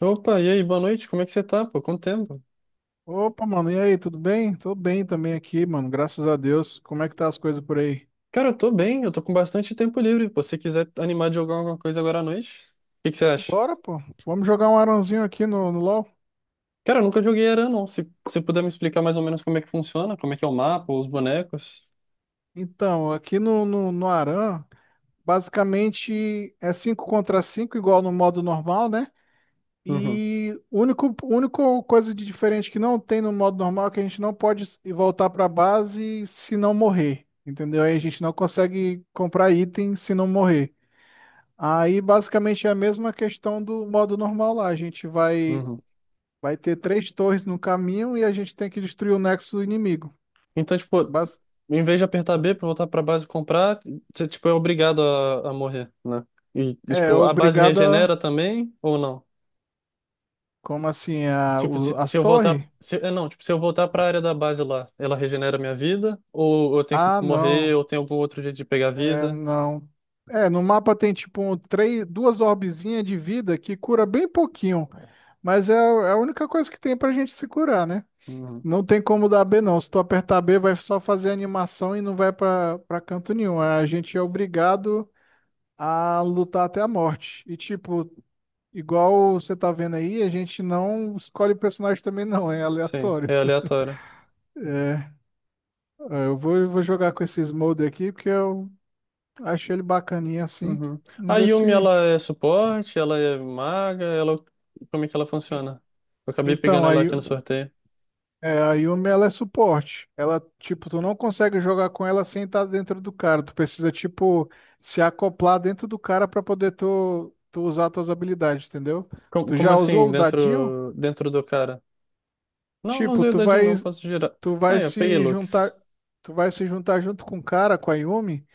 Opa, e aí, boa noite, como é que você tá, pô? Quanto tempo? Opa, mano, e aí, tudo bem? Tô bem também aqui, mano, graças a Deus. Como é que tá as coisas por aí? Cara, eu tô bem, eu tô com bastante tempo livre, pô. Se você quiser animar de jogar alguma coisa agora à noite, o que que você acha? Bora, pô. Vamos jogar um arãozinho aqui no LoL? Cara, eu nunca joguei Aran, não. Se você puder me explicar mais ou menos como é que funciona, como é que é o mapa, os bonecos. Então, aqui no Arã, basicamente é 5 contra 5, igual no modo normal, né? Uhum, E único coisa de diferente que não tem no modo normal é que a gente não pode ir voltar pra base se não morrer, entendeu? Aí a gente não consegue comprar item se não morrer. Aí basicamente é a mesma questão do modo normal lá. A gente vai uhum. Vai ter três torres no caminho e a gente tem que destruir o nexo inimigo. Então, tipo, Bas- em vez de apertar B pra voltar pra base e comprar, você, tipo, é obrigado a morrer, né? E, É tipo, a base regenera obrigada, também ou não? como assim, Tipo, se, as se eu voltar. torres? Se, é, Não, tipo, se eu voltar pra área da base lá, ela regenera minha vida? Ou eu tenho que Ah, não, morrer? Ou tem algum outro jeito de pegar vida? não. É, no mapa tem tipo um, três, duas orbezinhas de vida que cura bem pouquinho, mas é a única coisa que tem pra gente se curar, né? Uhum. Não tem como dar B não. Se tu apertar B, vai só fazer animação e não vai pra canto nenhum. A gente é obrigado a lutar até a morte. E tipo, igual você tá vendo aí, a gente não escolhe o personagem também não, é Sim, aleatório. é aleatório. É, Eu vou jogar com esses moldes aqui porque eu achei ele bacaninha assim. Uhum. Vamos A ver Yumi, se. ela é suporte? Ela é maga? Ela, como é que ela funciona? Eu acabei pegando Então, ela aqui no sorteio. A Yumi ela é suporte. Ela, tipo, tu não consegue jogar com ela sem estar dentro do cara. Tu precisa, tipo, se acoplar dentro do cara pra poder tu usar tuas habilidades, entendeu? Como, Tu como já assim, usou o dadinho? dentro do cara? Não, não Tipo, usei o dadinho, não, posso girar. tu vai Aí, eu peguei se juntar, Lux. tu vai se juntar junto com o cara, com a Yumi.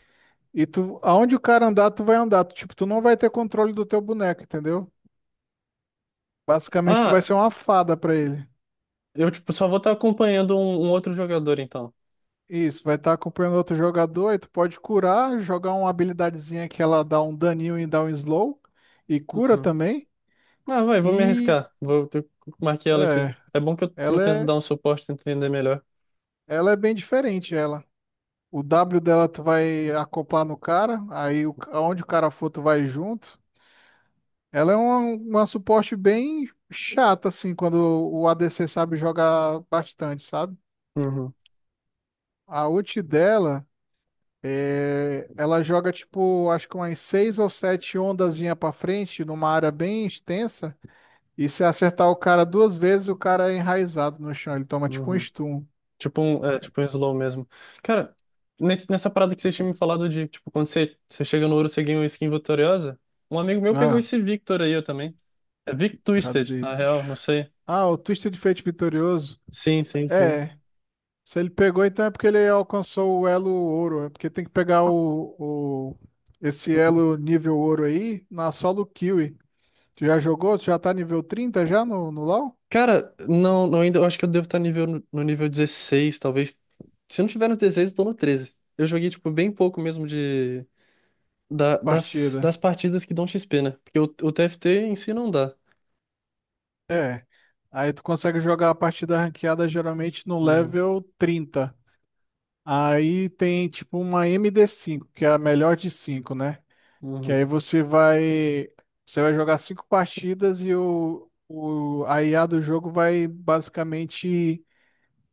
E tu, aonde o cara andar, tu vai andar. Tu, tipo, tu não vai ter controle do teu boneco, entendeu? Basicamente, tu vai Ah, ser uma fada pra ele. eu tipo, só vou estar acompanhando um outro jogador, então. Isso, vai estar acompanhando outro jogador, e tu pode curar, jogar uma habilidadezinha que ela dá um daninho e dá um slow, e cura Uhum. também. Ah, vai, vou me E arriscar. Eu marquei ela aqui. é, É bom que eu ela tento é, dar um suporte, tento entender melhor. ela é bem diferente, ela. O W dela tu vai acoplar no cara, aí aonde o cara for, tu vai junto. Ela é uma suporte bem chata, assim, quando o ADC sabe jogar bastante, sabe? Uhum, A ult dela, ela joga tipo, acho que umas seis ou sete ondazinha pra frente, numa área bem extensa. E se acertar o cara duas vezes, o cara é enraizado no chão. Ele toma tipo um uhum. stun. Tipo um slow mesmo. Cara, nessa parada que vocês tinham me falado de, tipo, quando você chega no ouro, você ganha uma skin vitoriosa. Um amigo meu pegou Ah, esse Victor aí, eu também. É Vic Twisted, cadê? na real, não sei. Ah, o Twisted Fate vitorioso. Sim, sim, sim. É. Se ele pegou, então é porque ele alcançou o elo ouro. É porque tem que pegar esse elo nível ouro aí na solo kill. Tu já jogou? Tu já tá nível 30 já no LoL? Cara, não, não ainda, eu acho que eu devo estar nível, no no nível 16, talvez. Se eu não tiver no 16, eu tô no 13. Eu joguei, tipo, bem pouco mesmo de, da- das, Partida. das partidas que dão XP, né? Porque o TFT em si não dá. É. Aí tu consegue jogar a partida ranqueada geralmente no Uhum, level 30. Aí tem tipo uma md5, que é a melhor de 5, né? Que uhum, aí você vai jogar cinco partidas e o a IA do jogo vai basicamente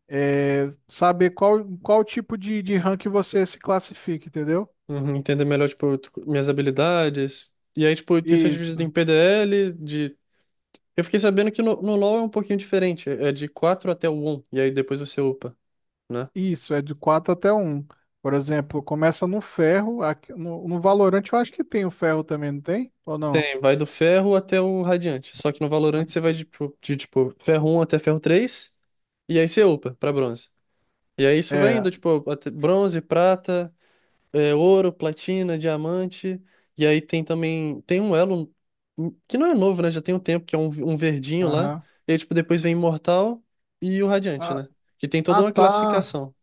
saber qual tipo de rank você se classifica, entendeu? uhum. Entender melhor, tipo, minhas habilidades. E aí, tipo, isso é dividido Isso. em PDL, de. Eu fiquei sabendo que no LoL é um pouquinho diferente. É de 4 até o 1, e aí depois você upa, né? Isso, é de quatro até um. Por exemplo, começa no ferro, no Valorant eu acho que tem o ferro também, não tem? Ou não? Tem, vai do ferro até o radiante. Só que no Valorant você vai de, tipo, ferro um até ferro 3 e aí você upa pra bronze. E aí isso vai indo, É, tipo, até bronze, prata, ouro, platina, diamante. E aí tem também, tem um elo que não é novo, né? Já tem um tempo, que é um verdinho lá. aham. E aí, tipo, depois vem imortal e o radiante, Ah, né? Que tem toda uma tá. classificação.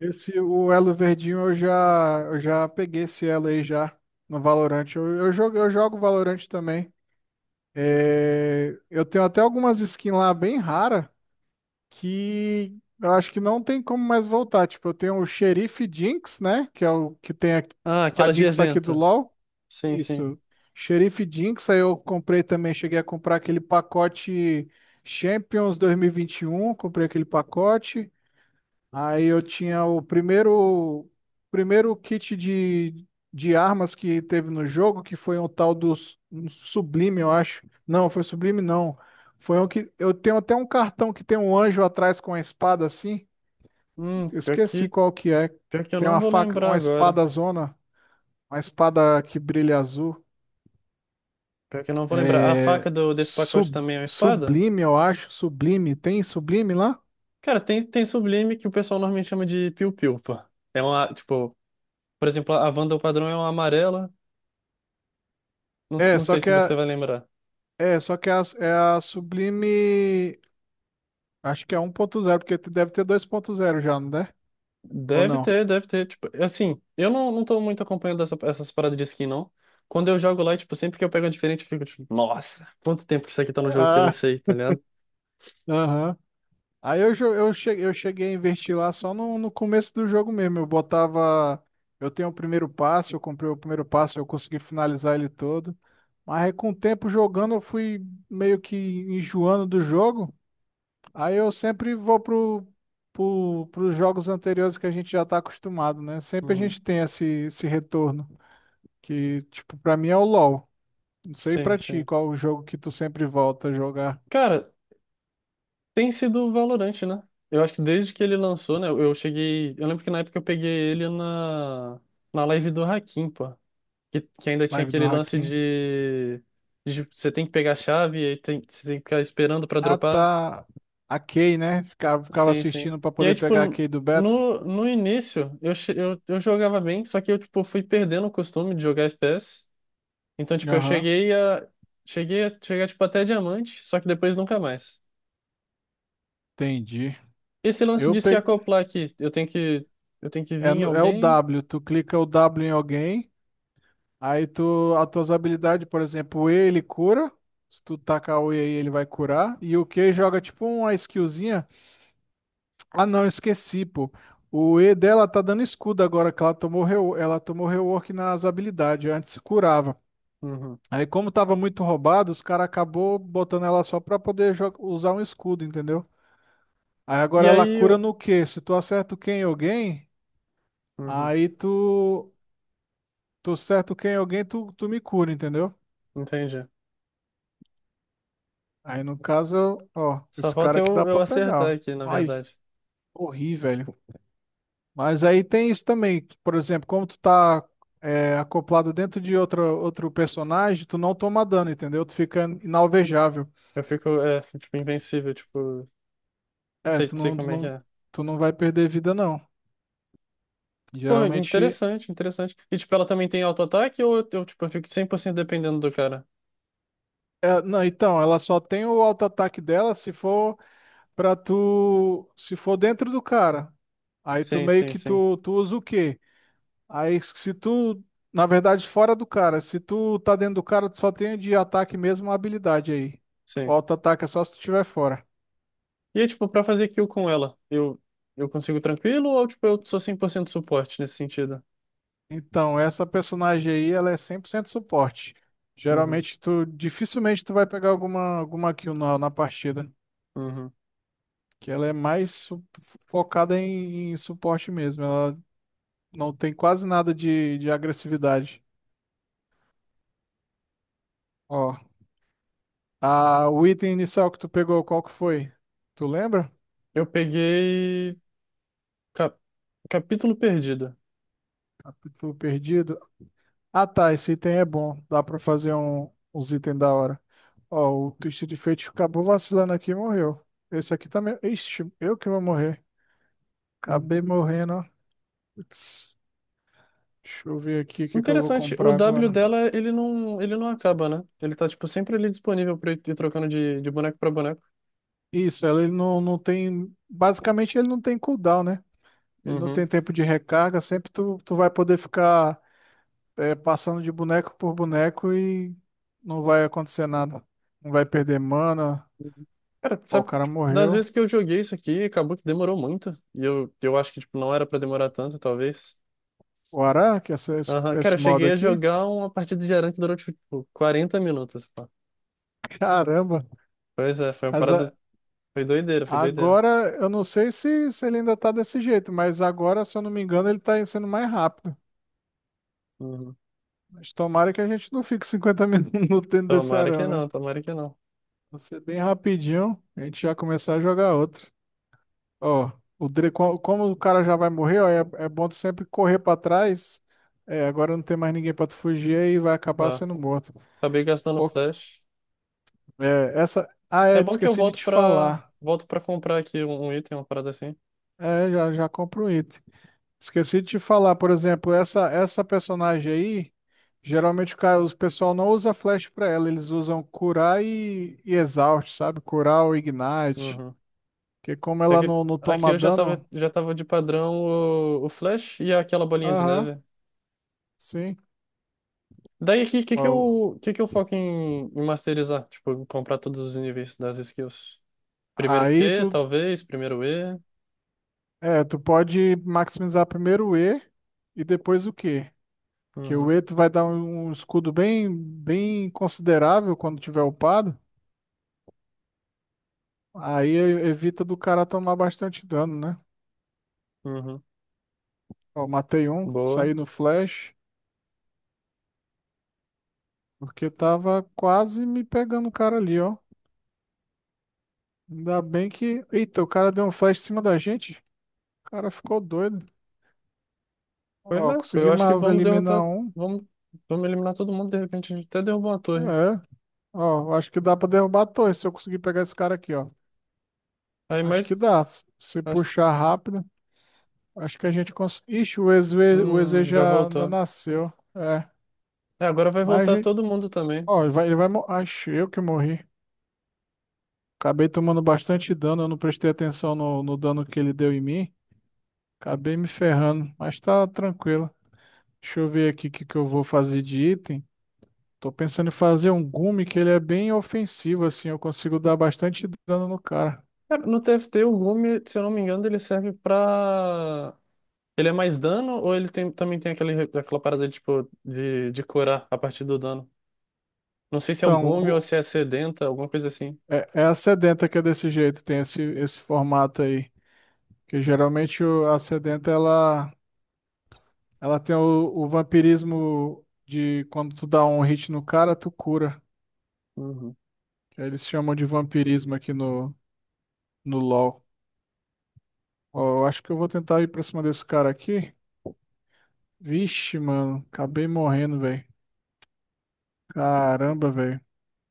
O elo verdinho eu já peguei esse elo aí já no Valorant. Eu jogo Valorant também. É, eu tenho até algumas skins lá bem rara que eu acho que não tem como mais voltar. Tipo, eu tenho o Xerife Jinx, né? Que é o que tem a, Ah, a aquelas de Jinx aqui do evento. LoL. Sim, sim. Isso. Xerife Jinx, aí eu comprei também, cheguei a comprar aquele pacote Champions dois mil e vinte e um. Comprei aquele pacote. Aí eu tinha o primeiro kit de armas que teve no jogo, que foi um tal do um Sublime, eu acho. Não, foi Sublime não. Foi um que eu tenho até um cartão que tem um anjo atrás com a espada assim. Hum, Eu pior esqueci que, qual que é. pior que eu Tem não uma vou faca, lembrar uma agora. espada zona, uma espada que brilha azul. Pior que eu não vou lembrar. A É, faca desse pacote também é uma espada? Sublime, eu acho. Sublime, tem Sublime lá? Cara, tem sublime que o pessoal normalmente chama de piu-piu, pô. É uma, tipo, por exemplo, a Wanda o padrão é uma amarela. Não, É, não só sei que se você é, vai lembrar. é, só que é a, É a Sublime. Acho que é 1.0 porque deve ter 2.0 já, não é? Ou Deve não? ter, deve ter. Tipo, assim, eu não tô muito acompanhando essas paradas de skin, não. Quando eu jogo lá, tipo, sempre que eu pego uma diferente, eu fico tipo, nossa, quanto tempo que isso aqui tá no jogo que eu não Ah, sei, tá ligado? aham. Aí eu, jo- eu cheguei a investir lá só no começo do jogo mesmo. Eu botava. Eu tenho o primeiro passo, eu comprei o primeiro passo, eu consegui finalizar ele todo. Mas aí, com o tempo jogando, eu fui meio que enjoando do jogo. Aí eu sempre vou pros jogos anteriores que a gente já tá acostumado, né? Sempre a Uhum. gente tem esse retorno, que, tipo, pra mim é o LoL. Não sei Sim, pra ti sim. qual o jogo que tu sempre volta a jogar. Cara, tem sido o Valorant, né? Eu acho que desde que ele lançou, né? Eu cheguei. Eu lembro que na época eu peguei ele na live do Hakim, pô. Que ainda tinha Live do aquele lance Hakim. de você tem que pegar a chave e aí você tem que ficar esperando pra Ah, dropar. tá. A Kay, né? Ficava Sim, sim. assistindo pra E aí, poder tipo, pegar a Kay do beta. no início eu jogava bem, só que eu, tipo, fui perdendo o costume de jogar FPS. Então, tipo, eu Aham, cheguei a. Cheguei a chegar, tipo, até diamante, só que depois nunca mais. entendi. Esse lance Eu de se peguei. acoplar aqui, eu tenho que vir É, em é o alguém? W, tu clica o W em alguém. Aí tu, as tuas habilidades, por exemplo, o E ele cura. Se tu tacar o E aí, ele vai curar. E o Q joga tipo uma skillzinha. Ah, não, esqueci, pô. O E dela tá dando escudo agora, que ela tomou, ela tomou rework nas habilidades. Antes curava. Uhum. Aí, como tava muito roubado, os caras acabou botando ela só pra poder usar um escudo, entendeu? Aí E agora ela aí cura eu. no Q. Se tu acerta o Q em alguém, Uhum. aí tu. Tu acerta o Q em alguém, tu me cura, entendeu? Entendi. Aí no caso, ó, Só esse falta cara aqui dá eu pra pegar, acertar aqui, na ó. Ai, verdade. corri, velho. Mas aí tem isso também, que, por exemplo, como tu tá acoplado dentro de outro personagem, tu não toma dano, entendeu? Tu fica inalvejável. Eu fico, tipo, invencível, tipo, É, sei, tu sei não, tu como é que não, é. tu não vai perder vida, não. Pô, Geralmente, interessante, interessante. E, tipo, ela também tem auto-ataque ou eu fico 100% dependendo do cara? Não, então, ela só tem o auto-ataque dela se for pra tu, se for dentro do cara. Aí tu Sim, meio sim, que sim, tu usa o quê? Aí, se tu, na verdade, fora do cara, se tu tá dentro do cara, tu só tem de ataque mesmo a habilidade aí. O sim. auto-ataque é só se tu tiver fora. E, aí, tipo, pra fazer kill com ela, eu consigo tranquilo ou, tipo, eu sou 100% suporte nesse sentido? Então, essa personagem aí, ela é 100% suporte. Uhum, Geralmente, tu dificilmente tu vai pegar alguma kill na partida, uhum. que ela é mais focada em suporte mesmo. Ela não tem quase nada de agressividade. Ó, o item inicial que tu pegou, qual que foi? Tu lembra? Eu peguei. cap- Capítulo perdido. A- Tu perdido? Ah, tá, esse item é bom. Dá pra fazer uns itens da hora. Ó, o Twisted Fate acabou vacilando aqui e morreu. Esse aqui também. Ixi, eu que vou morrer. Uhum. Acabei morrendo, ó. Putz, deixa eu ver aqui o que que eu vou Interessante, o comprar W agora. dela, ele não acaba, né? Ele tá, tipo, sempre ali disponível pra eu ir trocando de boneco pra boneco. Isso, ele não tem. Basicamente, ele não tem cooldown, né? Ele não tem Uhum. tempo de recarga. Sempre tu vai poder ficar passando de boneco por boneco e não vai acontecer nada. Não vai perder mana. Cara, tu Ó, o sabe, que, cara tipo, das vezes morreu. que eu joguei isso aqui, acabou que demorou muito. E eu acho que, tipo, não era pra demorar tanto, talvez. O Araque, essa, esse, Aham, cara, eu esse modo cheguei a aqui? jogar uma partida de Aran que durou, tipo, 40 minutos, pô. Caramba! Pois é, foi uma Mas parada. Foi doideira, foi doideira. agora, eu não sei se ele ainda tá desse jeito, mas agora, se eu não me engano, ele tá sendo mais rápido. Uhum. Mas tomara que a gente não fique 50 minutos dentro desse Tomara que arame, né? não, tomara que não. Vai ser bem rapidinho, a gente já começar a jogar outro. Ó, o Dre, como o cara já vai morrer, ó, é bom tu sempre correr pra trás. É, agora não tem mais ninguém pra tu fugir e vai acabar Ah, sendo morto. acabei gastando Pô, flash. é, essa. Ah, É bom que eu esqueci de volto te pra. falar. Volto pra comprar aqui um item, uma parada assim. É, já, já compro um item. Esqueci de te falar, por exemplo, essa personagem aí, geralmente os pessoal não usa flash pra ela, eles usam curar e exaust, sabe? Curar ou ignite, Uhum. porque como É ela que não aqui toma eu já tava, dano, já tava de padrão o flash e aquela bolinha de aham, neve. sim. Daí, o que, que, que Ó, eu, que, que eu foco em masterizar? Tipo, comprar todos os níveis das skills. Primeiro aí Q, tu talvez. Primeiro E. é, tu pode maximizar primeiro o E e depois o Q, que Uhum, o E tu vai dar um escudo bem bem considerável quando tiver upado, aí evita do cara tomar bastante dano, né? uhum. Ó, matei um, Boa. saí no flash, porque tava quase me pegando o cara ali, ó. Ainda bem que. Eita, o cara deu um flash em cima da gente. O cara ficou doido. Pois é, Ó, eu consegui acho que vamos derrotar. eliminar um. Vamos, vamos eliminar todo mundo. De repente, a gente até derrubou uma torre. É. Ó, acho que dá pra derrubar a torre se eu conseguir pegar esse cara aqui, ó. Aí, Acho que mas. dá. Se Acho, puxar rápido, acho que a gente consegue. Ixi, o EZ já já ainda voltou. nasceu. É. É, agora vai Mas, voltar todo mundo também. ó, ele vai. Acho eu que morri. Acabei tomando bastante dano, eu não prestei atenção no dano que ele deu em mim. Acabei me ferrando, mas tá tranquilo. Deixa eu ver aqui o que que eu vou fazer de item. Tô pensando em fazer um gume que ele é bem ofensivo, assim, eu consigo dar bastante dano no cara. Cara, no TFT, o Lume, se eu não me engano, ele serve pra. Ele é mais dano ou também tem aquela parada de, tipo, de curar a partir do dano? Não sei se é o Então, Gume ou se é Sedenta, alguma coisa assim. É a sedenta que é desse jeito, tem esse formato aí. Que geralmente a sedenta, ela tem o vampirismo de quando tu dá um hit no cara, tu cura. Uhum. Que eles chamam de vampirismo aqui no LoL. Ó, eu acho que eu vou tentar ir pra cima desse cara aqui. Vixe, mano, acabei morrendo, velho. Caramba, velho.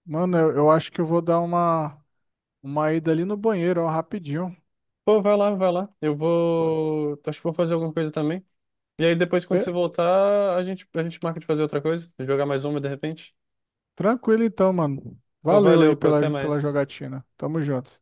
Mano, eu acho que eu vou dar uma ida ali no banheiro, ó, rapidinho. Pô, vai lá, vai lá. Eu Pode. vou. Acho que vou fazer alguma coisa também. E aí depois, quando você Be- voltar, a gente marca de fazer outra coisa, jogar mais uma de repente. Tranquilo então, mano. Pô, Valeu valeu, aí pô, até pela mais. jogatina. Tamo junto.